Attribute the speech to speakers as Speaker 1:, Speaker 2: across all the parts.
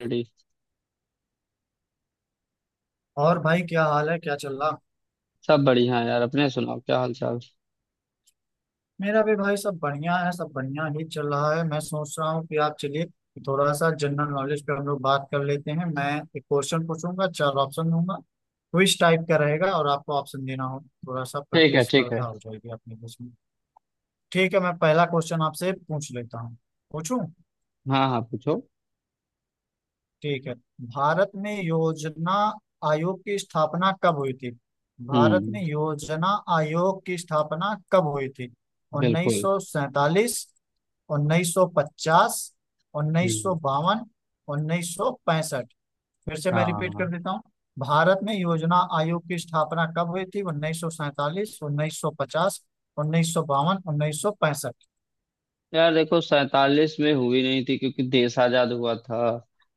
Speaker 1: Ready.
Speaker 2: और भाई, क्या हाल है? क्या चल रहा?
Speaker 1: सब बढ़िया है यार, अपने सुनाओ क्या हाल चाल।
Speaker 2: मेरा भी भाई, सब बढ़िया है। सब बढ़िया ही चल रहा है। मैं सोच रहा हूँ कि आप चलिए, थोड़ा सा जनरल नॉलेज पे हम लोग बात कर लेते हैं। मैं एक क्वेश्चन पूछूंगा, चार ऑप्शन दूंगा। क्विज टाइप का रहेगा और आपको ऑप्शन देना हो। थोड़ा सा
Speaker 1: ठीक है, ठीक है।
Speaker 2: प्रतिस्पर्धा हो जाएगी अपने बीच में। ठीक है, मैं पहला क्वेश्चन आपसे पूछ लेता हूँ, पूछूं?
Speaker 1: हाँ हाँ, पूछो।
Speaker 2: ठीक है। भारत में योजना आयोग की स्थापना कब हुई थी? भारत
Speaker 1: हम्म।
Speaker 2: में योजना आयोग की स्थापना कब हुई थी?
Speaker 1: बिल्कुल।
Speaker 2: 1947, 1950,
Speaker 1: हम्म।
Speaker 2: 1952, 1965? फिर से
Speaker 1: हाँ
Speaker 2: मैं
Speaker 1: हाँ,
Speaker 2: रिपीट कर
Speaker 1: हाँ।
Speaker 2: देता हूँ। भारत में योजना आयोग की स्थापना कब हुई थी? 1947, 1950, 1952, 1965?
Speaker 1: यार देखो, सैतालीस में हुई नहीं थी क्योंकि देश आजाद हुआ था।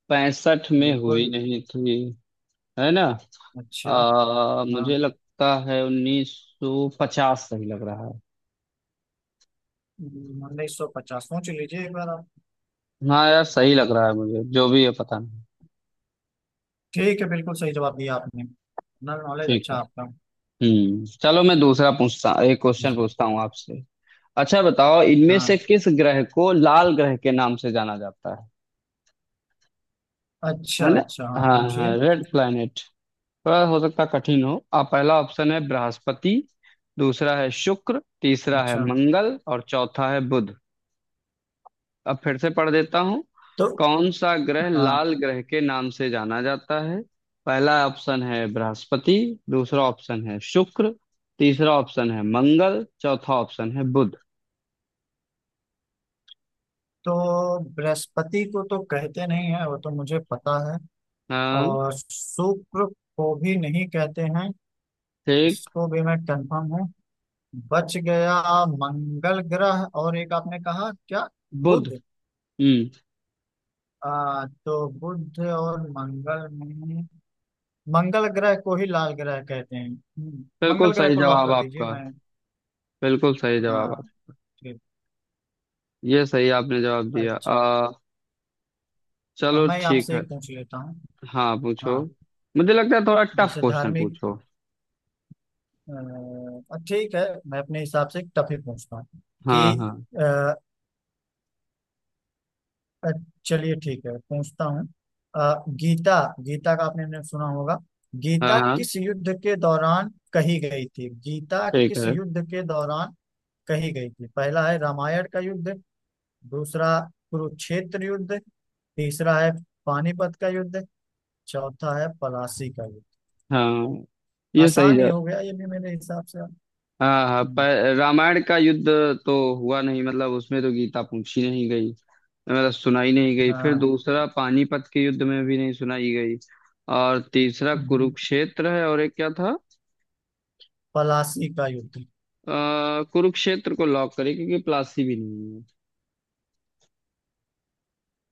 Speaker 1: पैंसठ में
Speaker 2: बिल्कुल।
Speaker 1: हुई नहीं थी, है ना।
Speaker 2: अच्छा। हाँ।
Speaker 1: मुझे लगता है उन्नीस सौ पचास सही लग रहा है।
Speaker 2: 1950, सोच लीजिए एक बार आप।
Speaker 1: हाँ यार, सही लग रहा है मुझे, जो भी है पता नहीं।
Speaker 2: ठीक है। बिल्कुल सही जवाब दिया आपने। जनरल नॉलेज
Speaker 1: ठीक
Speaker 2: अच्छा
Speaker 1: है।
Speaker 2: आपका।
Speaker 1: चलो मैं दूसरा पूछता एक क्वेश्चन पूछता हूँ आपसे। अच्छा बताओ, इनमें से
Speaker 2: हाँ।
Speaker 1: किस ग्रह को लाल ग्रह के नाम से जाना जाता है
Speaker 2: अच्छा
Speaker 1: है ना।
Speaker 2: अच्छा। हाँ,
Speaker 1: हाँ
Speaker 2: पूछिए।
Speaker 1: हाँ, रेड प्लैनेट। थोड़ा हो सकता है कठिन हो। पहला ऑप्शन है बृहस्पति, दूसरा है शुक्र, तीसरा है
Speaker 2: अच्छा।
Speaker 1: मंगल और चौथा है बुध। अब फिर से पढ़ देता हूँ।
Speaker 2: तो
Speaker 1: कौन सा ग्रह
Speaker 2: हाँ,
Speaker 1: लाल ग्रह के नाम से जाना जाता है। पहला ऑप्शन है बृहस्पति, दूसरा ऑप्शन है शुक्र, तीसरा ऑप्शन है मंगल, चौथा ऑप्शन है बुध।
Speaker 2: तो बृहस्पति को तो कहते नहीं है, वो तो मुझे पता है।
Speaker 1: हाँ।
Speaker 2: और शुक्र को भी नहीं कहते हैं।
Speaker 1: ठीक।
Speaker 2: इसको भी मैं कंफर्म हूँ। बच गया मंगल ग्रह और एक, आपने कहा क्या?
Speaker 1: बुध।
Speaker 2: बुध।
Speaker 1: हम्म।
Speaker 2: तो बुध और मंगल में मंगल ग्रह को ही लाल ग्रह कहते हैं। हम्म।
Speaker 1: बिल्कुल
Speaker 2: मंगल ग्रह
Speaker 1: सही
Speaker 2: को लॉक
Speaker 1: जवाब
Speaker 2: कर दीजिए।
Speaker 1: आपका।
Speaker 2: मैं
Speaker 1: बिल्कुल सही जवाब
Speaker 2: हाँ
Speaker 1: आप,
Speaker 2: ठीक।
Speaker 1: ये सही आपने जवाब दिया।
Speaker 2: अच्छा, अब
Speaker 1: चलो
Speaker 2: मैं
Speaker 1: ठीक
Speaker 2: आपसे
Speaker 1: है।
Speaker 2: एक पूछ लेता हूँ।
Speaker 1: हाँ पूछो।
Speaker 2: हाँ,
Speaker 1: मुझे लगता है थोड़ा टफ
Speaker 2: जैसे
Speaker 1: क्वेश्चन
Speaker 2: धार्मिक।
Speaker 1: पूछो।
Speaker 2: ठीक है, मैं अपने हिसाब से टफ ही पूछता हूँ कि
Speaker 1: हाँ हाँ।
Speaker 2: अ, अ, चलिए, ठीक है, पूछता हूँ। गीता गीता का आपने ने सुना होगा।
Speaker 1: हाँ
Speaker 2: गीता
Speaker 1: हाँ।
Speaker 2: किस युद्ध के दौरान कही गई थी? गीता
Speaker 1: ठीक
Speaker 2: किस
Speaker 1: है।
Speaker 2: युद्ध के दौरान कही गई थी? पहला है रामायण का युद्ध, दूसरा कुरुक्षेत्र युद्ध, तीसरा है पानीपत का युद्ध, चौथा है पलासी का युद्ध।
Speaker 1: हाँ, ये सही
Speaker 2: आसान ही
Speaker 1: जवाब।
Speaker 2: हो गया ये भी मेरे हिसाब से।
Speaker 1: हाँ हाँ, पर रामायण का युद्ध तो हुआ नहीं, मतलब उसमें तो गीता पूछी नहीं गई, मतलब सुनाई नहीं गई। फिर
Speaker 2: हाँ,
Speaker 1: दूसरा पानीपत के युद्ध में भी नहीं सुनाई गई। और तीसरा कुरुक्षेत्र है, और एक क्या था।
Speaker 2: पलासी का युद्ध।
Speaker 1: कुरुक्षेत्र को लॉक करें क्योंकि प्लासी भी नहीं है।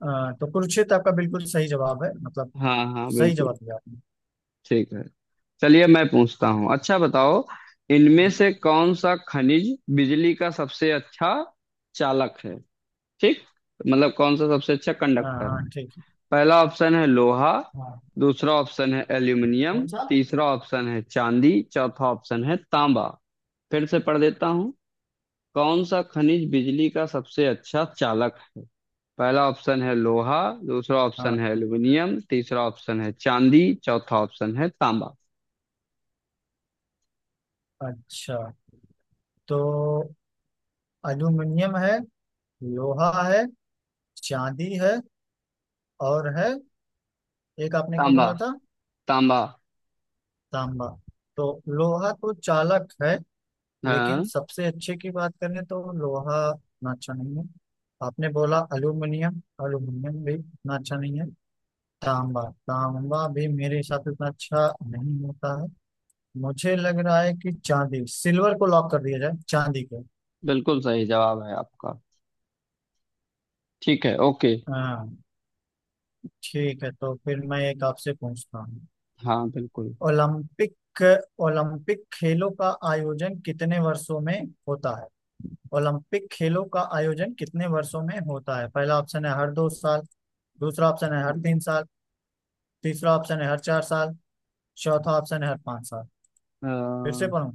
Speaker 2: हाँ, तो कुरुक्षेत्र आपका बिल्कुल सही जवाब है। मतलब
Speaker 1: हाँ हाँ,
Speaker 2: सही
Speaker 1: बिल्कुल।
Speaker 2: जवाब दिया आपने।
Speaker 1: ठीक है। चलिए मैं पूछता हूँ। अच्छा बताओ, इनमें से कौन सा खनिज बिजली का सबसे अच्छा चालक है। ठीक, मतलब कौन सा सबसे अच्छा
Speaker 2: हाँ
Speaker 1: कंडक्टर।
Speaker 2: हाँ, ठीक है।
Speaker 1: पहला ऑप्शन है लोहा,
Speaker 2: हाँ।
Speaker 1: दूसरा ऑप्शन है एल्यूमिनियम,
Speaker 2: कौन सा?
Speaker 1: तीसरा ऑप्शन है चांदी, चौथा ऑप्शन है तांबा। फिर से पढ़ देता हूँ। कौन सा खनिज बिजली का सबसे अच्छा चालक है। पहला ऑप्शन है लोहा, दूसरा
Speaker 2: हाँ,
Speaker 1: ऑप्शन है एल्यूमिनियम, तीसरा ऑप्शन है चांदी, चौथा ऑप्शन है तांबा।
Speaker 2: अच्छा। तो एल्यूमिनियम है, लोहा है, चांदी है, और है एक। आपने क्या
Speaker 1: तांबा।
Speaker 2: बोला था?
Speaker 1: तांबा।
Speaker 2: तांबा। तो लोहा तो चालक है लेकिन
Speaker 1: हाँ,
Speaker 2: सबसे अच्छे की बात करें तो लोहा उतना अच्छा नहीं है। आपने बोला अल्यूमिनियम, अल्यूमिनियम भी उतना अच्छा नहीं है। तांबा, तांबा भी मेरे हिसाब से उतना अच्छा नहीं होता है। मुझे लग रहा है कि चांदी, सिल्वर को लॉक कर दिया जाए, चांदी को।
Speaker 1: बिल्कुल सही जवाब है आपका। ठीक है, ओके।
Speaker 2: हाँ, ठीक है। तो फिर मैं एक आपसे पूछता हूँ।
Speaker 1: हाँ बिल्कुल।
Speaker 2: ओलंपिक ओलंपिक खेलों का आयोजन कितने वर्षों में होता है? ओलंपिक खेलों का आयोजन कितने वर्षों में होता है? पहला ऑप्शन है हर 2 साल, दूसरा ऑप्शन है हर 3 साल, तीसरा ऑप्शन है हर 4 साल, चौथा ऑप्शन है हर 5 साल। फिर से
Speaker 1: अ,
Speaker 2: पढ़ूं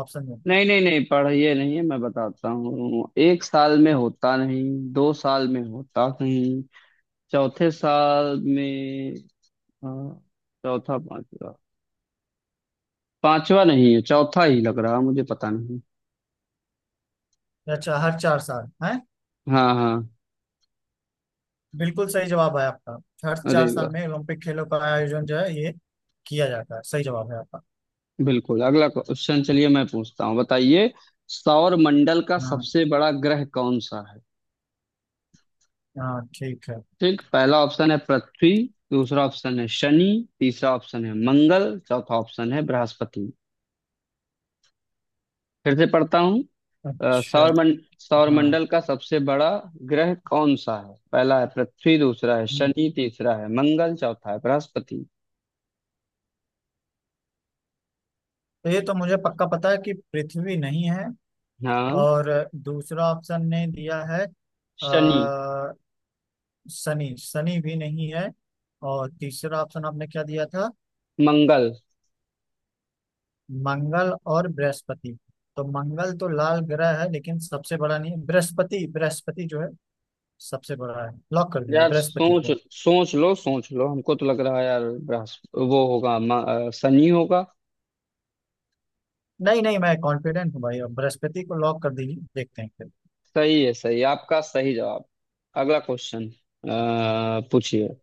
Speaker 2: ऑप्शन दो?
Speaker 1: नहीं नहीं नहीं पढ़िए, नहीं है, मैं बताता हूँ। एक साल में होता नहीं, दो साल में होता नहीं, चौथे साल में। अ, चौथा, पांचवा। पांचवा नहीं है, चौथा ही लग रहा, मुझे पता नहीं।
Speaker 2: अच्छा, हर 4 साल है।
Speaker 1: हाँ हाँ।
Speaker 2: बिल्कुल सही जवाब है आपका। हर चार
Speaker 1: अरे
Speaker 2: साल
Speaker 1: वाह।
Speaker 2: में ओलंपिक खेलों का आयोजन जो है ये किया जाता है। सही जवाब है आपका।
Speaker 1: बिल्कुल। अगला क्वेश्चन, चलिए मैं पूछता हूँ। बताइए, सौर मंडल का
Speaker 2: हाँ
Speaker 1: सबसे बड़ा ग्रह कौन सा है।
Speaker 2: हाँ, ठीक है।
Speaker 1: ठीक। पहला ऑप्शन है पृथ्वी, दूसरा ऑप्शन है शनि, तीसरा ऑप्शन है मंगल, चौथा ऑप्शन है बृहस्पति। फिर से पढ़ता हूँ।
Speaker 2: अच्छा। हाँ।
Speaker 1: सौरमंडल का सबसे बड़ा ग्रह कौन सा है। पहला है पृथ्वी, दूसरा है
Speaker 2: हम्म,
Speaker 1: शनि, तीसरा है मंगल, चौथा है बृहस्पति।
Speaker 2: तो ये तो मुझे पक्का पता है कि पृथ्वी नहीं है।
Speaker 1: हाँ।
Speaker 2: और दूसरा ऑप्शन ने दिया है
Speaker 1: शनि।
Speaker 2: अ, शनि शनि भी नहीं है। और तीसरा ऑप्शन आपने क्या दिया था?
Speaker 1: मंगल।
Speaker 2: मंगल और बृहस्पति। तो मंगल तो लाल ग्रह है लेकिन सबसे बड़ा नहीं है। बृहस्पति बृहस्पति जो है सबसे बड़ा है। लॉक कर दीजिए
Speaker 1: यार
Speaker 2: बृहस्पति
Speaker 1: सोच
Speaker 2: को।
Speaker 1: सोच लो, सोच लो, हमको तो लग रहा है यार बृहस्पति वो होगा। शनि होगा।
Speaker 2: नहीं नहीं, मैं कॉन्फिडेंट हूँ भाई। अब बृहस्पति को लॉक कर दीजिए, देखते हैं फिर।
Speaker 1: सही है, सही आपका सही जवाब। अगला क्वेश्चन पूछिए।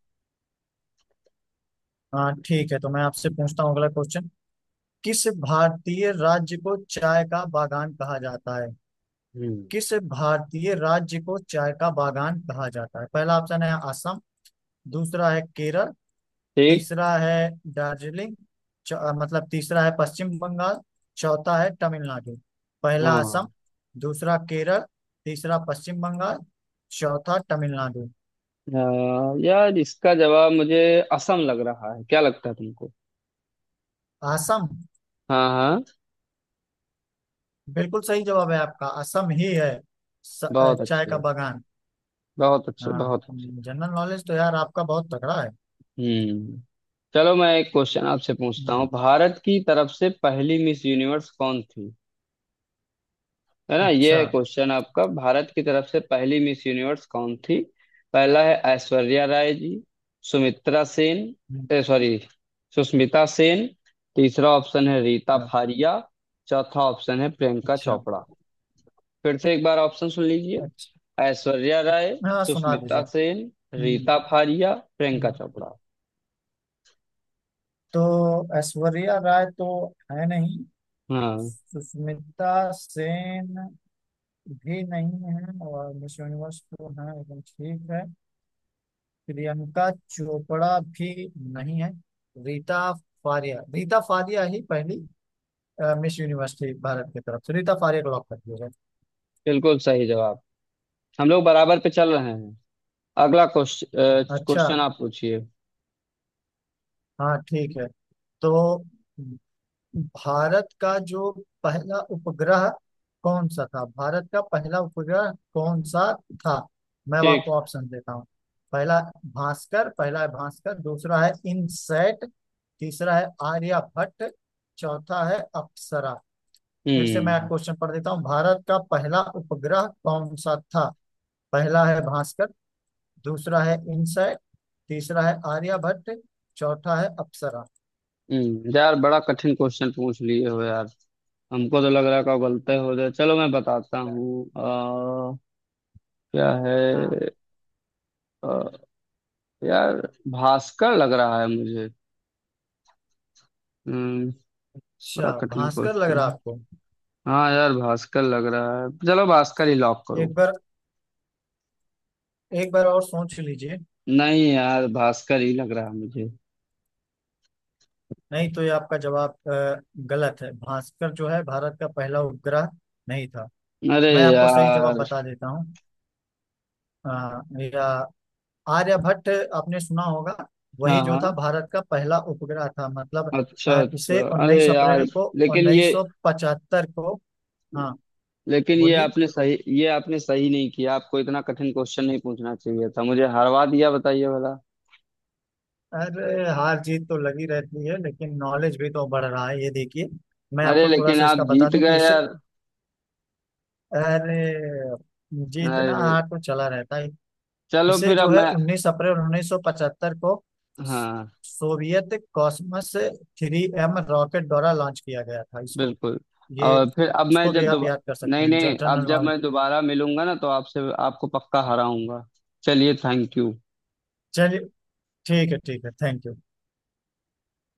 Speaker 2: हाँ, ठीक है। तो मैं आपसे पूछता हूँ अगला क्वेश्चन। किस भारतीय राज्य को चाय का बागान कहा जाता है?
Speaker 1: हम्म।
Speaker 2: किस भारतीय राज्य को चाय का बागान कहा जाता है? पहला ऑप्शन है असम, दूसरा है केरल,
Speaker 1: ठीक।
Speaker 2: तीसरा है दार्जिलिंग। मतलब तीसरा है पश्चिम बंगाल। चौथा है तमिलनाडु। पहला
Speaker 1: हाँ।
Speaker 2: असम, दूसरा केरल, तीसरा पश्चिम बंगाल, चौथा तमिलनाडु।
Speaker 1: यार इसका जवाब मुझे असम लग रहा है, क्या लगता है तुमको।
Speaker 2: असम।
Speaker 1: हाँ हाँ।
Speaker 2: बिल्कुल सही जवाब है आपका, असम ही है।
Speaker 1: बहुत
Speaker 2: चाय का
Speaker 1: अच्छे।
Speaker 2: बागान।
Speaker 1: बहुत अच्छे,
Speaker 2: हाँ,
Speaker 1: बहुत अच्छे।
Speaker 2: जनरल नॉलेज तो यार आपका बहुत तगड़ा है।
Speaker 1: हम्म। चलो मैं एक क्वेश्चन आपसे पूछता हूँ।
Speaker 2: हम्म।
Speaker 1: भारत की तरफ से पहली मिस यूनिवर्स कौन थी, है ना। ये
Speaker 2: अच्छा।
Speaker 1: है क्वेश्चन आपका। भारत की तरफ से पहली मिस यूनिवर्स कौन थी। पहला है ऐश्वर्या राय जी, सुमित्रा सेन
Speaker 2: हम्म।
Speaker 1: ए सॉरी सुष्मिता सेन, तीसरा ऑप्शन है रीता
Speaker 2: हाँ।
Speaker 1: फारिया, चौथा ऑप्शन है प्रियंका
Speaker 2: अच्छा
Speaker 1: चोपड़ा। फिर से एक बार ऑप्शन सुन लीजिए।
Speaker 2: अच्छा।
Speaker 1: ऐश्वर्या राय,
Speaker 2: हाँ, सुना दीजिए।
Speaker 1: सुष्मिता सेन,
Speaker 2: हम्म।
Speaker 1: रीता फारिया, प्रियंका
Speaker 2: हम्म।
Speaker 1: चोपड़ा।
Speaker 2: तो ऐश्वर्या राय तो है नहीं,
Speaker 1: हाँ,
Speaker 2: सुष्मिता सेन भी नहीं है। और मिस यूनिवर्स तो है, एकदम ठीक है। प्रियंका चोपड़ा भी नहीं है। रीता रीता फारिया ही पहली मिस यूनिवर्स थी भारत की तरफ से। रीता फारिया को लॉक कर दिया जाए।
Speaker 1: बिल्कुल सही जवाब। हम लोग बराबर पे चल रहे हैं। अगला क्वेश्चन
Speaker 2: अच्छा।
Speaker 1: क्वेश्चन आप पूछिए।
Speaker 2: हाँ, ठीक है। तो भारत का जो पहला उपग्रह कौन सा था? भारत का पहला उपग्रह कौन सा था? मैं अब
Speaker 1: ठीक।
Speaker 2: आपको ऑप्शन देता हूँ। पहला पहला है भास्कर, दूसरा है इनसैट, तीसरा है आर्यभट्ट, चौथा है अप्सरा। फिर से मैं
Speaker 1: हम्म।
Speaker 2: क्वेश्चन पढ़ देता हूँ। भारत का पहला उपग्रह कौन सा था? पहला है भास्कर, दूसरा है इनसैट, तीसरा है आर्यभट्ट, चौथा है अप्सरा।
Speaker 1: यार, बड़ा कठिन क्वेश्चन पूछ लिए हो यार। हमको तो लग रहा है का गलते हो जाए। चलो मैं बताता हूँ। क्या
Speaker 2: हाँ।
Speaker 1: है। अ, यार भास्कर लग रहा है मुझे। हम्म। बड़ा
Speaker 2: अच्छा,
Speaker 1: कठिन
Speaker 2: भास्कर लग रहा
Speaker 1: क्वेश्चन।
Speaker 2: है आपको।
Speaker 1: हाँ यार, भास्कर लग रहा है, चलो भास्कर ही लॉक करो।
Speaker 2: एक बार, एक बार और सोच लीजिए।
Speaker 1: नहीं यार, भास्कर ही लग रहा है मुझे।
Speaker 2: नहीं, तो ये आपका जवाब गलत है। भास्कर जो है भारत का पहला उपग्रह नहीं था।
Speaker 1: अरे
Speaker 2: मैं आपको सही जवाब
Speaker 1: यार।
Speaker 2: बता देता हूँ। अ, या आर्यभट्ट आपने सुना होगा, वही
Speaker 1: हाँ
Speaker 2: जो था
Speaker 1: हाँ।
Speaker 2: भारत का पहला उपग्रह था मतलब।
Speaker 1: अच्छा
Speaker 2: इसे
Speaker 1: अच्छा,
Speaker 2: 19
Speaker 1: अरे यार।
Speaker 2: अप्रैल को
Speaker 1: लेकिन ये
Speaker 2: 1975 को। हाँ,
Speaker 1: लेकिन
Speaker 2: बोलिए।
Speaker 1: ये आपने सही नहीं किया, आपको इतना कठिन क्वेश्चन नहीं पूछना चाहिए था, मुझे हरवा दिया, बताइए भला।
Speaker 2: अरे, हार जीत तो लगी रहती है लेकिन नॉलेज भी तो बढ़ रहा है, ये देखिए। मैं
Speaker 1: अरे
Speaker 2: आपको थोड़ा
Speaker 1: लेकिन
Speaker 2: सा
Speaker 1: आप
Speaker 2: इसका बता
Speaker 1: जीत
Speaker 2: दूं कि
Speaker 1: गए
Speaker 2: इसे,
Speaker 1: यार।
Speaker 2: अरे जीतना
Speaker 1: अरे।
Speaker 2: हाथ तो चला रहता है।
Speaker 1: चलो
Speaker 2: इसे
Speaker 1: फिर अब
Speaker 2: जो है
Speaker 1: मैं,
Speaker 2: 19 अप्रैल 1975 को
Speaker 1: हाँ
Speaker 2: सोवियत कॉस्मस 3M रॉकेट द्वारा लॉन्च किया गया था इसको।
Speaker 1: बिल्कुल।
Speaker 2: ये
Speaker 1: और फिर अब मैं
Speaker 2: इसको भी
Speaker 1: जब
Speaker 2: आप
Speaker 1: दोबारा
Speaker 2: याद कर सकते
Speaker 1: नहीं
Speaker 2: हैं
Speaker 1: नहीं, अब
Speaker 2: जनरल
Speaker 1: जब
Speaker 2: नॉलेज।
Speaker 1: मैं दोबारा मिलूंगा ना तो आपसे, आपको पक्का हराऊंगा। चलिए थैंक यू।
Speaker 2: चलिए, ठीक है ठीक है। Thank you.